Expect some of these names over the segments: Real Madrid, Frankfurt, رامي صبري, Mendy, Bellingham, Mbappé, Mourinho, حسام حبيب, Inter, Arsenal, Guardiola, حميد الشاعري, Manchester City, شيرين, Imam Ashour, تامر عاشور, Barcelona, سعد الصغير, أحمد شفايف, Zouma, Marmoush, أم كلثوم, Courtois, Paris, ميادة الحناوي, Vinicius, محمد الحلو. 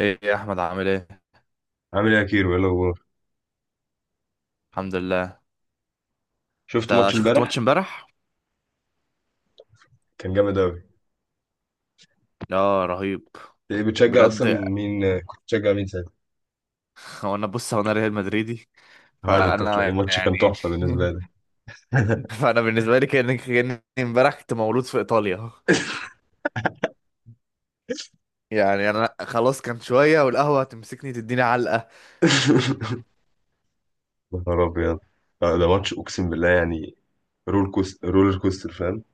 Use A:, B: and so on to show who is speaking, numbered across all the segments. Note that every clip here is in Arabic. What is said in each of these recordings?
A: ايه يا احمد، عامل ايه؟
B: عامل ايه يا كيرو؟ ايه الاخبار؟
A: الحمد لله.
B: شفت
A: انت
B: ماتش
A: شفت
B: امبارح؟
A: ماتش امبارح؟
B: كان جامد اوي.
A: اه رهيب.
B: ايه بتشجع اصلا؟
A: بجد.
B: مين كنت بتشجع مين ساعتها؟
A: هو انا ريال مدريدي.
B: هذا انت تلاقي
A: فانا
B: ماتش كان
A: يعني
B: تحفه بالنسبه لك.
A: فانا بالنسبه لي كاني امبارح كنت مولود في ايطاليا. يعني انا خلاص كان شويه والقهوه هتمسكني تديني علقه.
B: يا نهار ابيض. ده ماتش اقسم بالله يعني. رولر كوستر فاهم.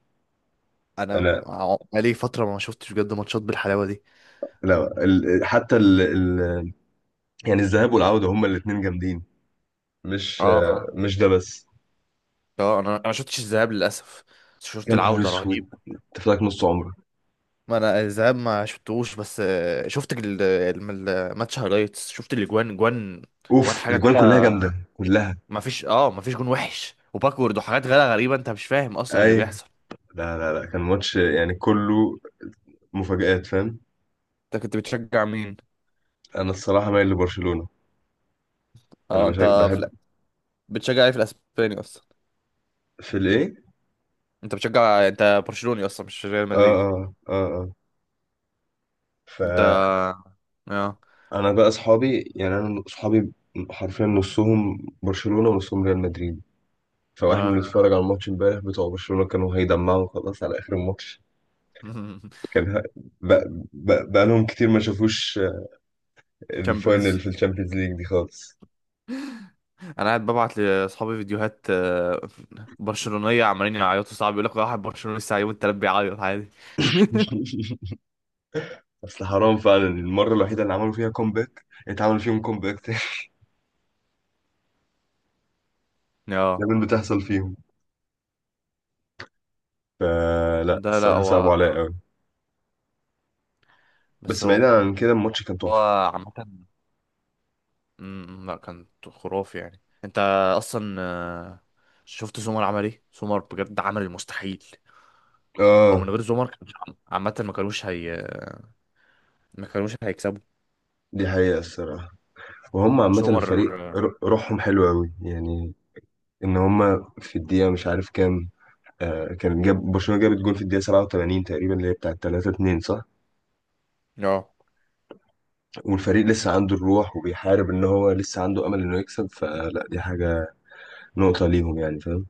A: انا
B: انا
A: بقالي فتره ما شفتش بجد ماتشات بالحلاوه دي.
B: لا ال... حتى ال... ال... يعني الذهاب والعوده هما الاثنين جامدين. مش
A: اه اه
B: مش ده بس.
A: اه. انا ما شفتش الذهاب للاسف. بس
B: يا
A: شفت
B: نهار
A: العوده
B: اسود،
A: رهيبه.
B: انت فاكر نص عمرك.
A: ما انا الذهاب ما شفتهوش، بس شفت الماتش هايلايتس، شفت الاجوان جوان. جوان
B: اوف،
A: حاجه
B: الاجوان
A: كده.
B: كلها جامده كلها.
A: ما فيش ما فيش جون وحش وباكورد وحاجات غير غريبه، انت مش فاهم اصلا اللي
B: ايوه.
A: بيحصل.
B: لا لا لا، كان ماتش يعني كله مفاجآت فاهم.
A: انت كنت بتشجع مين؟
B: انا الصراحه مايل لبرشلونه. انا
A: اه انت. في... الأ-
B: بحب.
A: بتشجع ايه في الاسباني اصلا؟
B: في الايه؟
A: انت برشلوني اصلا مش ريال
B: اه
A: مدريدي؟
B: اه اه اه.
A: انت اه
B: فانا بقى اصحابي يعني انا اصحابي حرفيا، نصهم برشلونه ونصهم ريال مدريد. فاحنا
A: اه.
B: بنتفرج على الماتش امبارح، بتوع برشلونه كانوا هيدمعوا خلاص على اخر الماتش. كان ه- بقى, بقى لهم كتير ما شافوش
A: تشامبيونز.
B: الفاينل في الشامبيونز ليج دي خالص.
A: انا قاعد ببعت لاصحابي فيديوهات برشلونيه عمالين يعيطوا، صعب. يقول لك واحد برشلوني لسه يوم التلات بيعيط عادي.
B: اصل حرام فعلا، المره الوحيده اللي عملوا فيها كومباك اتعمل فيهم كومباك تاني.
A: اه.
B: دايما بتحصل فيهم. فلا
A: ده لا
B: الصراحه
A: هو
B: صعبوا عليا قوي.
A: بس
B: بس
A: هو
B: بعيدا عن كده الماتش كان
A: هو
B: تحفة.
A: عامة، لا كان خرافي يعني، انت اصلا شفت زومر عمل ايه؟ زومر بجد عمل المستحيل. هو من
B: اه
A: غير زومر كان، عامة، ما كانوش ما كانوش هيكسبوا.
B: دي حقيقة الصراحة. وهم عامة
A: زومر
B: الفريق
A: اه.
B: روحهم حلوة أوي يعني. إن هم في الدقيقة مش عارف كام، آه كان جاب برشلونة جابت جول في الدقيقة 87 تقريبا، اللي هي بتاعة 3-2، صح؟
A: آه.
B: والفريق لسه عنده الروح وبيحارب، إن هو لسه عنده أمل إنه يكسب، فلا دي حاجة، نقطة ليهم يعني فاهم؟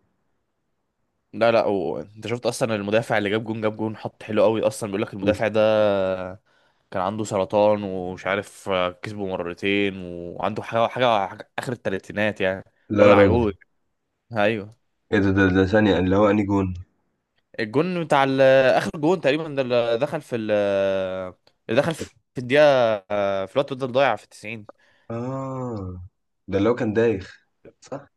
A: لا لا انت شفت اصلا المدافع اللي جاب جون حط حلو قوي اصلا؟ بيقول لك المدافع ده كان عنده سرطان ومش عارف كسبه مرتين، وعنده حاجة اخر التلاتينات يعني.
B: لا
A: راجل
B: يا راجل.
A: عجوز. ايوه.
B: إيه ده ثانية، اللي هو أنهي جون؟
A: الجون اخر جون تقريبا، ده اللي دخل في الدقيقه في الوقت بدل ضايع في 90.
B: آه، ده اللي هو كان دايخ صح؟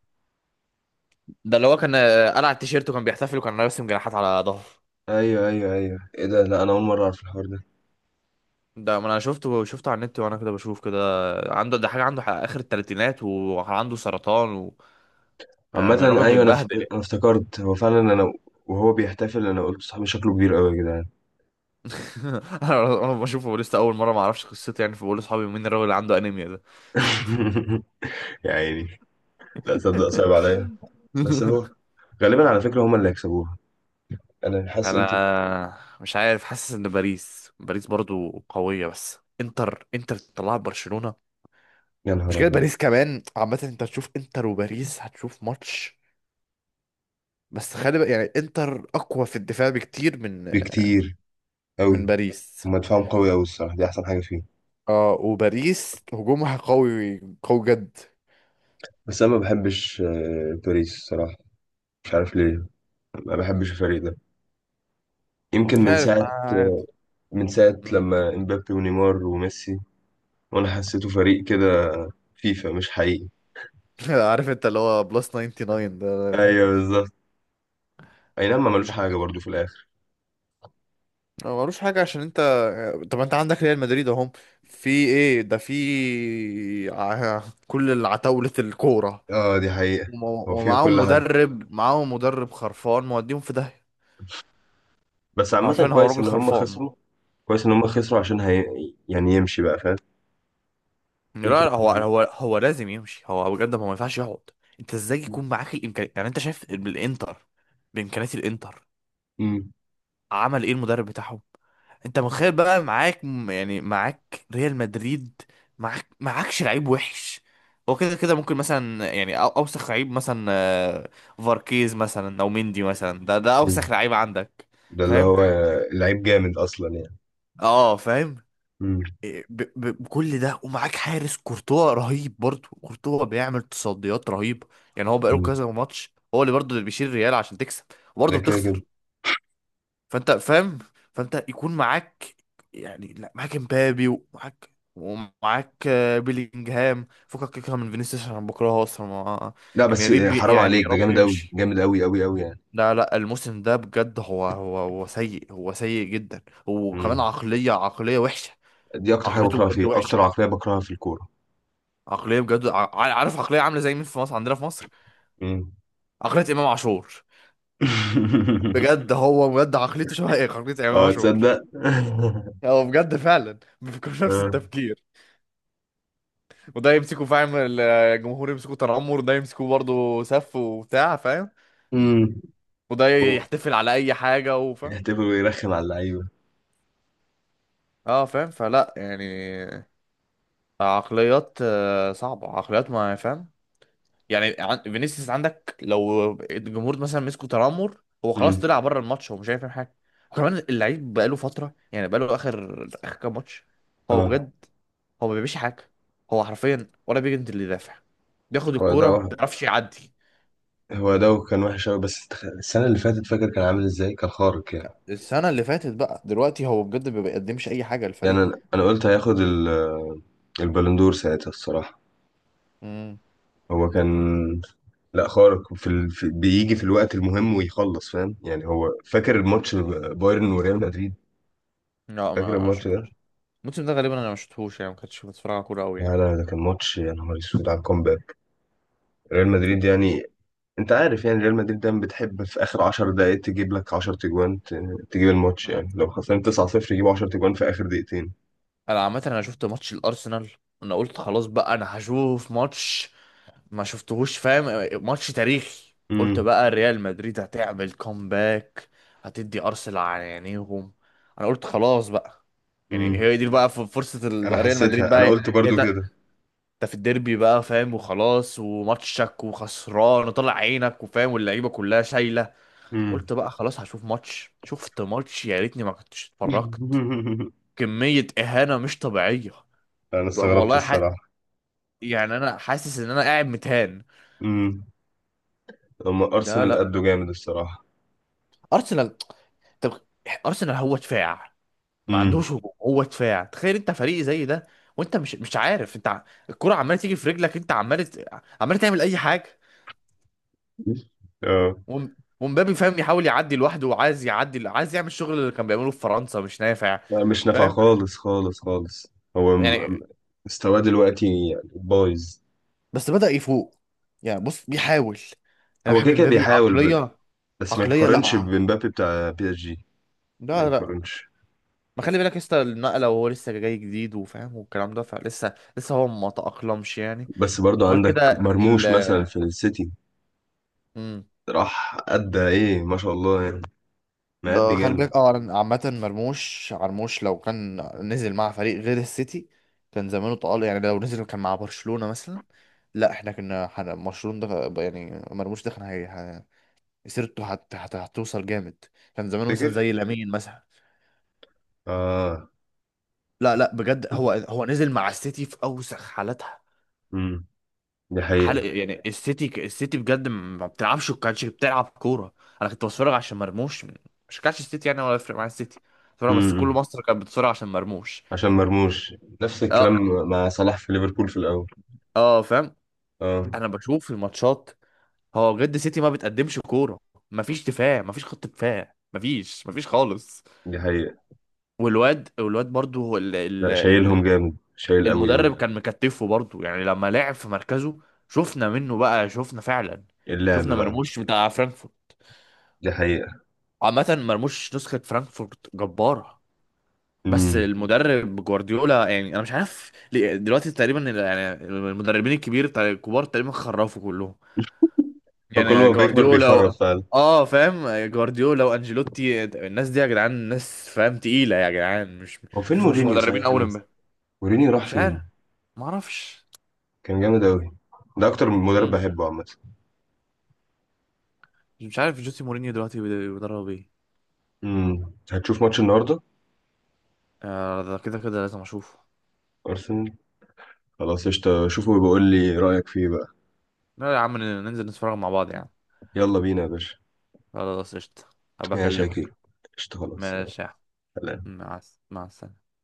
A: ده اللي هو كان قلع التيشيرت وكان بيحتفل وكان راسم جناحات على ظهره.
B: أيوه أيوه أيوه، إيه ده؟ لا أنا أول مرة أعرف الحوار ده.
A: ده ما انا شفته، شفته على النت وانا كده بشوف كده عنده، ده حاجه عنده اخر الثلاثينات وعنده سرطان و... يعني
B: عامة.
A: الراجل
B: أيوة،
A: متبهدل.
B: أنا افتكرت هو فعلا، أنا وهو بيحتفل أنا قلت صاحبي شكله كبير أوي يا جدعان.
A: انا بشوفه لسه اول مره، ما اعرفش قصته يعني، فبقول لاصحابي مين الراجل اللي عنده انيميا ده.
B: يا عيني، لا تصدق صعب عليا. بس هو غالبا على فكرة هما اللي هيكسبوها، أنا حاسس. أنت؟
A: انا مش عارف، حاسس ان باريس برضو قوية، بس انتر تطلع برشلونة.
B: يا
A: مش
B: نهار
A: كده؟
B: أبيض.
A: باريس كمان، عامة انت هتشوف انتر وباريس هتشوف ماتش. بس خلي بقى، يعني انتر اقوى في الدفاع بكتير من
B: بكتير
A: من
B: أوي.
A: باريس.
B: هما دفاعهم قوي أوي الصراحة، دي أحسن حاجة فيه.
A: اه وباريس هجومها قوي قوي جد.
B: بس أنا ما بحبش باريس الصراحة. مش عارف ليه. ما بحبش الفريق ده. يمكن
A: مش
B: من
A: عارف، انا
B: ساعة
A: عادي.
B: من ساعة
A: مم.
B: لما امبابي ونيمار وميسي، وأنا حسيته فريق كده، فيفا مش حقيقي.
A: عارف انت اللي هو بلس 99 ده؟
B: ايوه. اي نعم، ما ملوش حاجة برضو في الاخر.
A: ما ملوش حاجة عشان انت، طب انت عندك ريال مدريد، اهم في ايه ده؟ كل العتاولة الكورة،
B: اه دي حقيقة. هو فيها
A: ومعاهم
B: كل حد.
A: مدرب خرفان موديهم في داهية.
B: بس عامة
A: عارفين، هو
B: كويس
A: راجل
B: ان هم
A: خرفان.
B: خسروا. كويس ان هم خسروا عشان هي... يعني يمشي بقى فاهم.
A: لا
B: يمشي.
A: لا هو لازم يمشي، هو بجد، هو ما ينفعش يقعد. انت ازاي يكون معاك الامكانيات، يعني انت شايف بالانتر، بامكانيات الانتر،
B: مم.
A: عمل ايه المدرب بتاعهم؟ انت متخيل بقى معاك يعني معاك ريال مدريد؟ معاكش لعيب وحش. هو كده كده، ممكن مثلا يعني اوسخ لعيب مثلا فاركيز مثلا او مندي مثلا، ده
B: مم.
A: اوسخ لعيب عندك.
B: ده اللي
A: فاهم؟
B: هو لعيب جامد اصلا يعني.
A: اه فاهم.
B: مم.
A: بكل ده، ومعاك حارس كورتوا رهيب برضه. كورتوا بيعمل تصديات رهيبة، يعني هو بقاله
B: مم.
A: كذا ماتش هو اللي برضه اللي بيشيل الريال عشان تكسب،
B: ده
A: وبرضه
B: كده كده.
A: بتخسر. فانت فاهم. فانت يكون معاك، يعني لا، معاك امبابي، ومعاك ومعاك بيلينجهام، فكك كده من فينيسيوس عشان أنا بكرهه اصلا ما.
B: لا
A: يعني يا
B: بس
A: رب،
B: حرام
A: يعني
B: عليك،
A: يا
B: ده
A: رب
B: جامد قوي
A: يمشي.
B: جامد قوي قوي قوي يعني.
A: لا لا الموسم ده بجد، هو سيء، هو سيء جدا، وكمان
B: مم.
A: عقلية وحشة.
B: دي اكتر حاجة
A: عقليته
B: بكرهها
A: بجد
B: فيه،
A: وحشة.
B: اكتر عقلية بكرهها في الكورة.
A: عقلية بجد، عارف عقلية عاملة زي مين في مصر؟ عندنا في مصر
B: مم.
A: عقلية إمام عاشور. بجد، هو بجد عقليته شبه ايه؟ عقلية إمام
B: اه،
A: عاشور.
B: تصدق.
A: هو بجد فعلا بيفكر نفس
B: اه.
A: التفكير. وده يمسكوا فاهم الجمهور يمسكوا تنمر، وده يمسكوا برضه سف وبتاع فاهم،
B: امم
A: وده يحتفل على اي حاجه وفاهم.
B: يحتفل ويرخم على اللعيبة.
A: اه فاهم. فلا يعني عقليات صعبه، عقليات ما فاهم. يعني فينيسيوس عندك، لو الجمهور مثلا مسكوا تنمر، هو خلاص
B: مم.
A: طلع بره الماتش، هو مش هيفهم حاجه. وكمان اللعيب بقاله فتره يعني، بقاله اخر كام ماتش هو
B: اه.
A: بجد هو ما بيعملش حاجه. هو حرفيا ولا بيجند اللي يدافع، بياخد
B: هو ده
A: الكوره ما
B: وح-
A: بيعرفش يعدي.
B: هو ده كان وحش قوي، بس السنة اللي فاتت فاكر كان عامل ازاي؟ كان خارق يعني.
A: السنة اللي فاتت بقى، دلوقتي هو بجد ما بيقدمش أي حاجة
B: يعني
A: للفريق.
B: انا قلت هياخد البالندور ساعتها الصراحة.
A: امم.
B: هو كان. لا خارق، بيجي في الوقت المهم ويخلص فاهم يعني. هو فاكر الماتش بايرن وريال مدريد؟
A: لا
B: فاكر
A: ما
B: الماتش ده؟
A: شفتش. الموسم ده غالبا انا ما شفتهوش يعني، ما كنتش بتفرج على كوره قوي يعني.
B: لا لا، ده كان ماتش يا نهار اسود على الكومباك. ريال مدريد يعني، انت عارف يعني، ريال مدريد دايما بتحب في اخر 10 دقائق تجيب لك 10 تجوان، تجيب الماتش
A: لا
B: يعني. لو خسران 9-0 يجيبوا 10 تجوان في اخر دقيقتين.
A: انا عامه انا شفت ماتش الارسنال، انا قلت خلاص بقى انا هشوف ماتش ما شفتهوش فاهم، ماتش تاريخي، قلت
B: امم
A: بقى ريال مدريد هتعمل كومباك، هتدي ارسنال على عينيهم، انا قلت خلاص بقى، يعني
B: امم
A: هي دي بقى فرصه
B: انا
A: ريال مدريد
B: حسيتها، انا
A: بقى،
B: قلت
A: هي
B: برضو كده.
A: انت في الديربي بقى فاهم، وخلاص، وماتشك، وخسران، وطلع عينك، وفاهم، واللعيبه كلها شايله،
B: امم
A: قلت بقى خلاص هشوف ماتش. شفت ماتش يا ريتني ما كنتش اتفرجت. كميه اهانه مش طبيعيه.
B: انا استغربت
A: والله ح...
B: الصراحه.
A: يعني انا حاسس ان انا قاعد متهان.
B: امم هما
A: لا
B: ارسنال
A: لا
B: قدوا جامد الصراحه.
A: ارسنال، طب ارسنال هو دفاع، ما
B: امم
A: عندوش هجوم، هو دفاع، تخيل انت فريق زي ده، وانت مش عارف انت الكرة عماله تيجي في رجلك، انت عمال عمال تعمل اي حاجه.
B: اه.
A: ومبابي فاهم يحاول يعدي لوحده، وعايز يعدي، عايز يعمل الشغل اللي كان بيعمله في فرنسا، مش نافع.
B: لا مش نافع
A: فاهم
B: خالص خالص خالص. هو
A: يعني.
B: مستواه دلوقتي يعني بايظ.
A: بس بدأ يفوق، يعني بص بيحاول. انا
B: هو
A: بحب
B: كده كده
A: مبابي
B: بيحاول
A: عقلية.
B: بس ما
A: عقلية لا
B: يتقارنش بمبابي بتاع بي اس جي. ما
A: لا لا
B: يتقارنش.
A: ما خلي بالك لسه النقلة، وهو لسه جاي جديد وفاهم والكلام ده، فلسه هو ما تأقلمش يعني.
B: بس برضو
A: وغير
B: عندك
A: كده ال
B: مرموش مثلا في السيتي،
A: مم.
B: راح أدى إيه ما شاء الله يعني، مأدي
A: ده خلي
B: جامد.
A: بالك، اه أنا عامة مرموش، مرموش لو كان نزل مع فريق غير السيتي كان زمانه طال، يعني لو نزل كان مع برشلونة مثلا، لا احنا كنا برشلونة ده، يعني مرموش ده كان سيرته هتوصل جامد. كان زمانه مثلا
B: فاكر؟
A: زي لامين مثلا.
B: آه.
A: لا لا بجد، هو هو نزل مع السيتي في اوسخ حالاتها،
B: امم دي
A: حال
B: حقيقة.
A: يعني. السيتي بجد ما بتلعبش، وكانتش بتلعب كورة. انا كنت بتفرج عشان مرموش، مش كانش السيتي يعني، ولا يفرق مع السيتي، بتفرج بس. كل
B: امم
A: مصر كانت بتتفرج عشان مرموش.
B: عشان مرموش، نفس الكلام
A: اه.
B: مع صلاح في ليفربول في الاول.
A: اه فاهم.
B: اه.
A: انا بشوف في الماتشات، هو بجد سيتي ما بتقدمش كوره. ما فيش دفاع، ما فيش خط دفاع، ما فيش ما فيش خالص.
B: دي حقيقة.
A: والواد برضو هو ال... ال...
B: لا
A: ال...
B: شايلهم جامد، شايل قوي قوي
A: المدرب
B: يعني.
A: كان مكتفه برضو يعني، لما لعب في مركزه شفنا منه بقى، شفنا فعلا،
B: اللعب
A: شفنا
B: بقى.
A: مرموش بتاع فرانكفورت.
B: دي حقيقة.
A: عامة مرموش نسخة فرانكفورت جبارة. بس
B: امم
A: المدرب جوارديولا، يعني انا مش عارف دلوقتي تقريبا يعني المدربين الكبار تقريبا خرفوا كلهم،
B: فكل ما
A: يعني
B: بيكبر
A: جوارديولا و...
B: بيخرف فعلا.
A: اه فاهم، جوارديولا وانجيلوتي، الناس دي يا جدعان ناس فاهم تقيله يا جدعان،
B: هو فين
A: مش
B: مورينيو
A: مدربين
B: صحيح؟
A: اول
B: انا نسيت.
A: امبارح.
B: مورينيو راح
A: مش
B: فين؟
A: عارف. ما اعرفش.
B: كان جامد قوي، ده اكتر مدرب
A: مم.
B: بحبه عامة.
A: مش عارف جوسي مورينيو دلوقتي بيدرب ايه.
B: هتشوف ماتش النهاردة؟
A: آه، ده كده كده لازم اشوفه.
B: ارسنال. خلاص قشطة، شوفه وبقول لي رأيك فيه بقى.
A: لا يا عم، ننزل نتفرج مع بعض يعني.
B: يلا بينا يا باشا.
A: خلاص قشطة، هبقى
B: يا شاكي،
A: اكلمك.
B: قشطة خلاص يلا.
A: ماشي يا عم.
B: سلام.
A: مع السلامه.